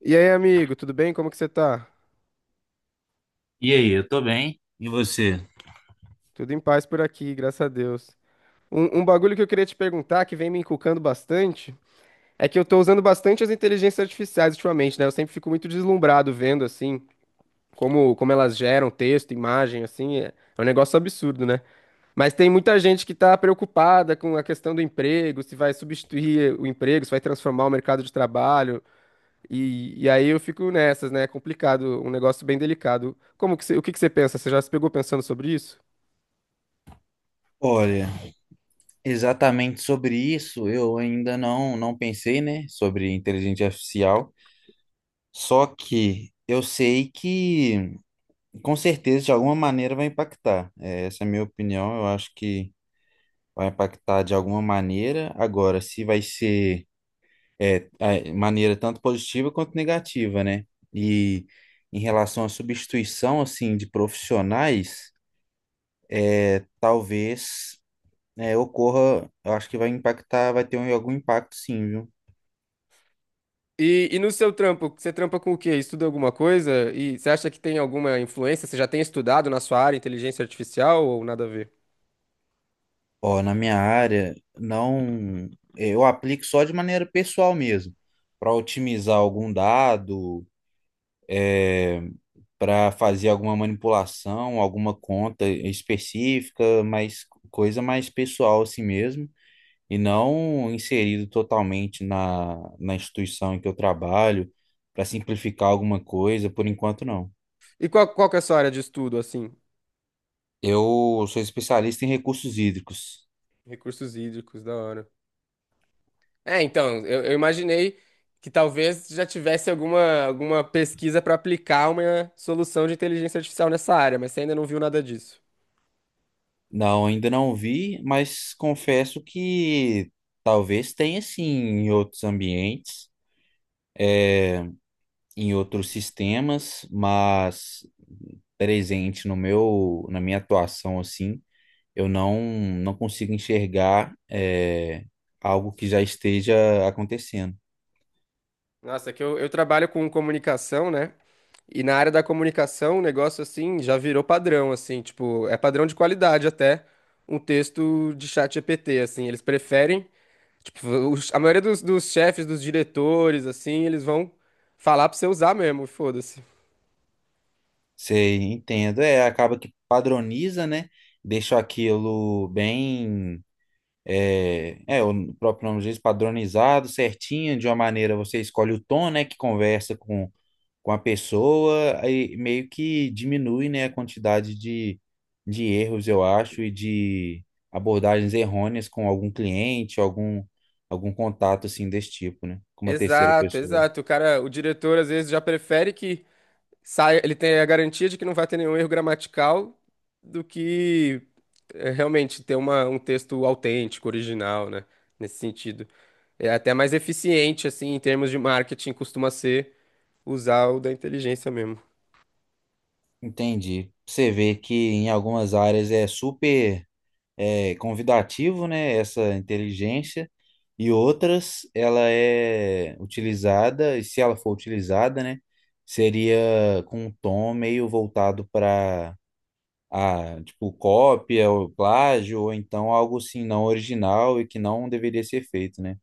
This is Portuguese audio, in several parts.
E aí, amigo, tudo bem? Como que você tá? E aí, eu tô bem. E você? Tudo em paz por aqui, graças a Deus. Um bagulho que eu queria te perguntar, que vem me encucando bastante, é que eu tô usando bastante as inteligências artificiais ultimamente, né? Eu sempre fico muito deslumbrado vendo, assim, como elas geram texto, imagem, assim, é um negócio absurdo, né? Mas tem muita gente que tá preocupada com a questão do emprego, se vai substituir o emprego, se vai transformar o mercado de trabalho, e aí eu fico nessas, né? É complicado, um negócio bem delicado. Como que você, o que que você pensa? Você já se pegou pensando sobre isso? Olha, exatamente sobre isso eu ainda não pensei, né, sobre inteligência artificial. Só que eu sei que com certeza de alguma maneira vai impactar. É, essa é a minha opinião. Eu acho que vai impactar de alguma maneira. Agora, se vai ser a maneira tanto positiva quanto negativa, né? E em relação à substituição assim de profissionais, é, talvez. É, ocorra, eu acho que vai impactar, vai ter algum impacto sim, viu? E no seu trampo, você trampa com o quê? Estuda alguma coisa? E você acha que tem alguma influência? Você já tem estudado na sua área inteligência artificial ou nada a ver? Ó, na minha área, não, eu aplico só de maneira pessoal mesmo, para otimizar algum dado, é, para fazer alguma manipulação, alguma conta específica, mas coisa mais pessoal assim mesmo, e não inserido totalmente na instituição em que eu trabalho, para simplificar alguma coisa, por enquanto não. E qual que é a sua área de estudo, assim? Eu sou especialista em recursos hídricos. Recursos hídricos, da hora. É, então, eu imaginei que talvez já tivesse alguma, alguma pesquisa para aplicar uma solução de inteligência artificial nessa área, mas você ainda não viu nada disso. Não, ainda não vi, mas confesso que talvez tenha sim em outros ambientes, eh, em outros sistemas, mas presente no meu, na minha atuação assim, eu não consigo enxergar algo que já esteja acontecendo. Nossa, é que eu trabalho com comunicação, né? E na área da comunicação, o negócio assim já virou padrão, assim, tipo, é padrão de qualidade até um texto de chat GPT, assim, eles preferem, tipo, a maioria dos, dos chefes, dos diretores, assim, eles vão falar pra você usar mesmo, foda-se. Você entendo, é, acaba que padroniza, né? Deixa aquilo bem. É, é, o próprio nome diz, padronizado, certinho, de uma maneira você escolhe o tom, né, que conversa com a pessoa, aí meio que diminui, né, a quantidade de erros, eu acho, e de abordagens errôneas com algum cliente, algum, algum contato, assim, desse tipo, né, com uma terceira Exato, pessoa. exato. O cara, o diretor às vezes já prefere que sai, ele tem a garantia de que não vai ter nenhum erro gramatical do que é, realmente ter uma, um texto autêntico, original, né? Nesse sentido. É até mais eficiente, assim, em termos de marketing, costuma ser usar o da inteligência mesmo. Entendi. Você vê que em algumas áreas é super é convidativo, né? Essa inteligência. E outras, ela é utilizada, e se ela for utilizada, né? Seria com um tom meio voltado para a, tipo, cópia ou plágio, ou então algo assim não original e que não deveria ser feito, né?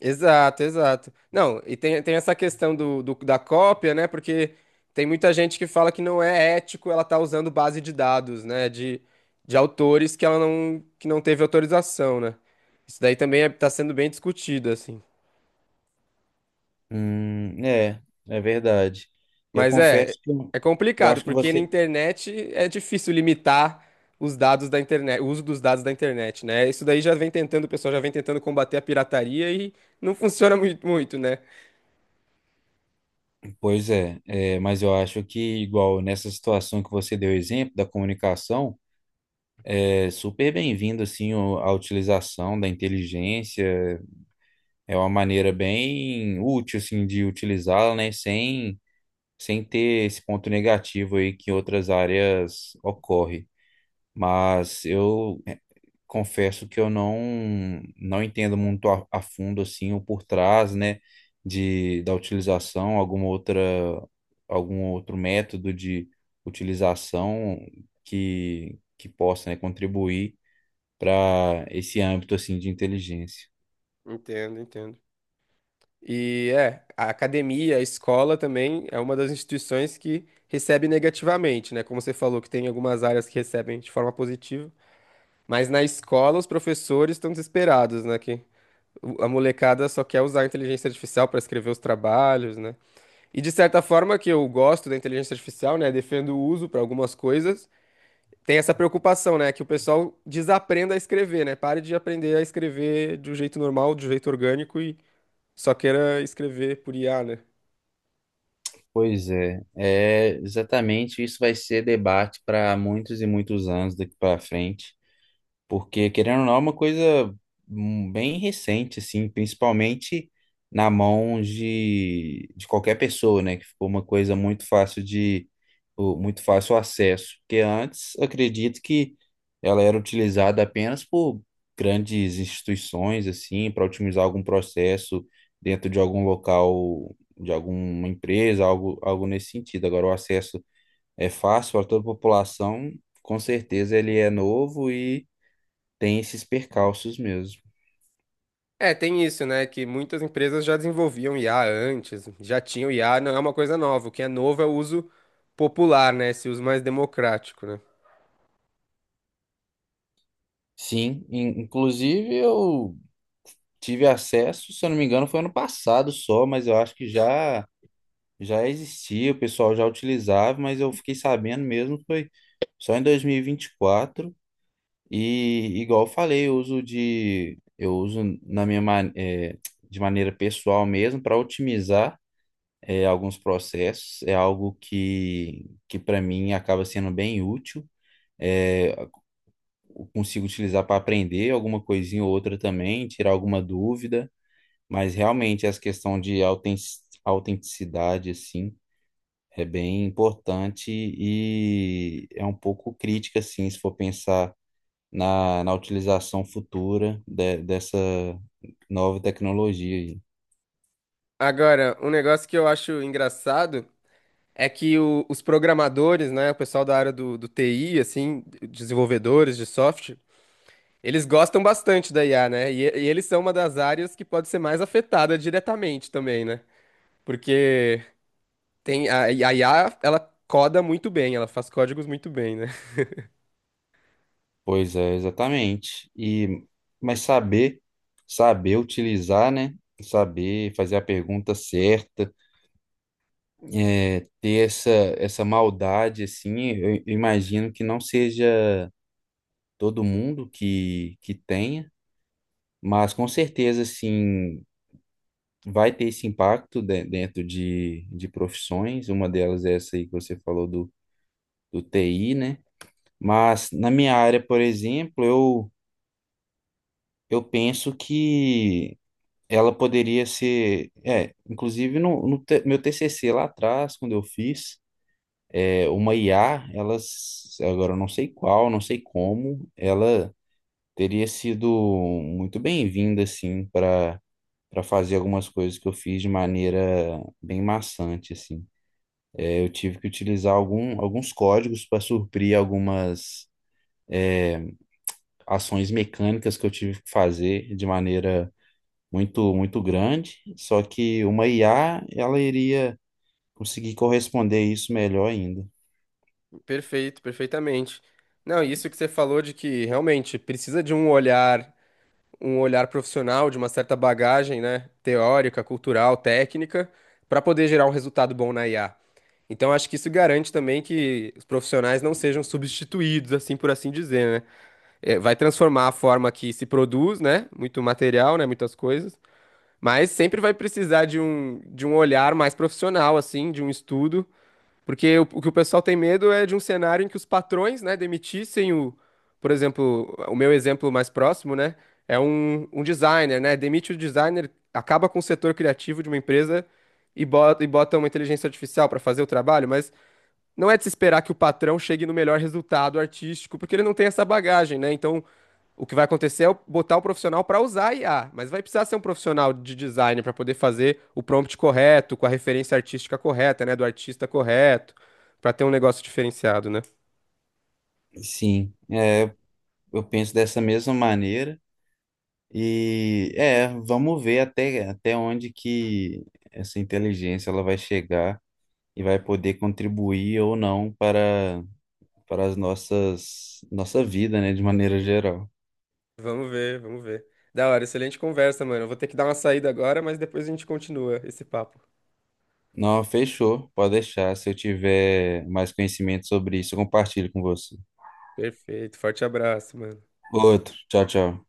Exato, exato. Não, e tem, tem essa questão do, da cópia, né? Porque tem muita gente que fala que não é ético ela tá usando base de dados, né? De autores que ela não, que não teve autorização, né? Isso daí também é, tá sendo bem discutido, assim. É, é verdade. Eu Mas é, confesso que é eu complicado, acho que porque na você. internet é difícil limitar os dados da internet, o uso dos dados da internet, né? Isso daí já vem tentando, o pessoal já vem tentando combater a pirataria e não funciona muito, muito, né? Pois é, é, mas eu acho que, igual nessa situação que você deu exemplo da comunicação. É super bem-vindo assim a utilização da inteligência. É uma maneira bem útil assim de utilizá-la, né, sem ter esse ponto negativo aí que em outras áreas ocorre. Mas eu confesso que eu não entendo muito a fundo assim o por trás, né, de da utilização, alguma outra algum outro método de utilização que possa, né, contribuir para esse âmbito assim de inteligência. Entendo, entendo. E é, a academia, a escola também é uma das instituições que recebe negativamente, né? Como você falou, que tem algumas áreas que recebem de forma positiva, mas na escola os professores estão desesperados, né? Que a molecada só quer usar a inteligência artificial para escrever os trabalhos, né? E de certa forma que eu gosto da inteligência artificial, né? Defendo o uso para algumas coisas. Tem essa preocupação, né? Que o pessoal desaprenda a escrever, né? Pare de aprender a escrever de um jeito normal, de um jeito orgânico e só queira escrever por IA, né? Pois é, é exatamente isso vai ser debate para muitos e muitos anos daqui para frente. Porque, querendo ou não, é uma coisa bem recente, assim, principalmente na mão de qualquer pessoa, né? Que ficou uma coisa muito fácil de, muito fácil o acesso. Porque antes, acredito que ela era utilizada apenas por grandes instituições, assim, para otimizar algum processo dentro de algum local, de alguma empresa, algo, algo nesse sentido. Agora, o acesso é fácil para toda a população, com certeza ele é novo e tem esses percalços mesmo. É, tem isso, né? Que muitas empresas já desenvolviam IA antes, já tinham IA, não é uma coisa nova. O que é novo é o uso popular, né? Esse uso mais democrático, né? Sim, inclusive eu tive acesso, se eu não me engano, foi ano passado só, mas eu acho que já existia, o pessoal já utilizava, mas eu fiquei sabendo mesmo foi só em 2024 e vinte e quatro. E igual eu falei, eu uso na minha de maneira pessoal mesmo para otimizar alguns processos, é algo que para mim acaba sendo bem útil. Eh, Consigo utilizar para aprender alguma coisinha ou outra também, tirar alguma dúvida, mas realmente essa questão de autenticidade, assim, é bem importante e é um pouco crítica, assim, se for pensar na utilização futura dessa nova tecnologia aí. Agora, um negócio que eu acho engraçado é que os programadores, né? O pessoal da área do, do TI, assim, desenvolvedores de software, eles gostam bastante da IA, né? E eles são uma das áreas que pode ser mais afetada diretamente também, né? Porque tem a IA, ela coda muito bem, ela faz códigos muito bem, né? Pois é, exatamente. E, mas saber, saber utilizar, né? Saber fazer a pergunta certa, é, ter essa, essa maldade, assim, eu imagino que não seja todo mundo que tenha, mas com certeza, assim, vai ter esse impacto dentro de profissões, uma delas é essa aí que você falou do, do TI, né? Mas na minha área, por exemplo, eu penso que ela poderia ser, é, inclusive no, meu TCC lá atrás, quando eu fiz, é, uma IA, ela, agora eu não sei qual, não sei como, ela teria sido muito bem-vinda, assim, para para fazer algumas coisas que eu fiz de maneira bem maçante, assim. É, eu tive que utilizar algum, alguns códigos para suprir algumas ações mecânicas que eu tive que fazer de maneira muito, muito grande, só que uma IA, ela iria conseguir corresponder a isso melhor ainda. Perfeito, perfeitamente. Não, e isso que você falou de que realmente precisa de um olhar profissional, de uma certa bagagem, né, teórica, cultural, técnica, para poder gerar um resultado bom na IA. Então, acho que isso garante também que os profissionais não sejam substituídos, assim por assim dizer, né? É, vai transformar a forma que se produz, né? Muito material, né? Muitas coisas. Mas sempre vai precisar de um olhar mais profissional, assim, de um estudo porque o que o pessoal tem medo é de um cenário em que os patrões, né, demitissem o, por exemplo, o meu exemplo mais próximo, né, é um, um designer, né, demite o designer, acaba com o setor criativo de uma empresa e bota uma inteligência artificial para fazer o trabalho, mas não é de se esperar que o patrão chegue no melhor resultado artístico, porque ele não tem essa bagagem, né, então o que vai acontecer é eu botar o profissional para usar a IA, mas vai precisar ser um profissional de design para poder fazer o prompt correto, com a referência artística correta, né, do artista correto, para ter um negócio diferenciado, né? Sim, é, eu penso dessa mesma maneira. E é, vamos ver até, até onde que essa inteligência ela vai chegar e vai poder contribuir ou não para, para as nossa vida, né, de maneira geral. Vamos ver, vamos ver. Da hora, excelente conversa, mano. Eu vou ter que dar uma saída agora, mas depois a gente continua esse papo. Não, fechou, pode deixar. Se eu tiver mais conhecimento sobre isso, eu compartilho com você. Perfeito, forte abraço, mano. Outro, tchau, tchau.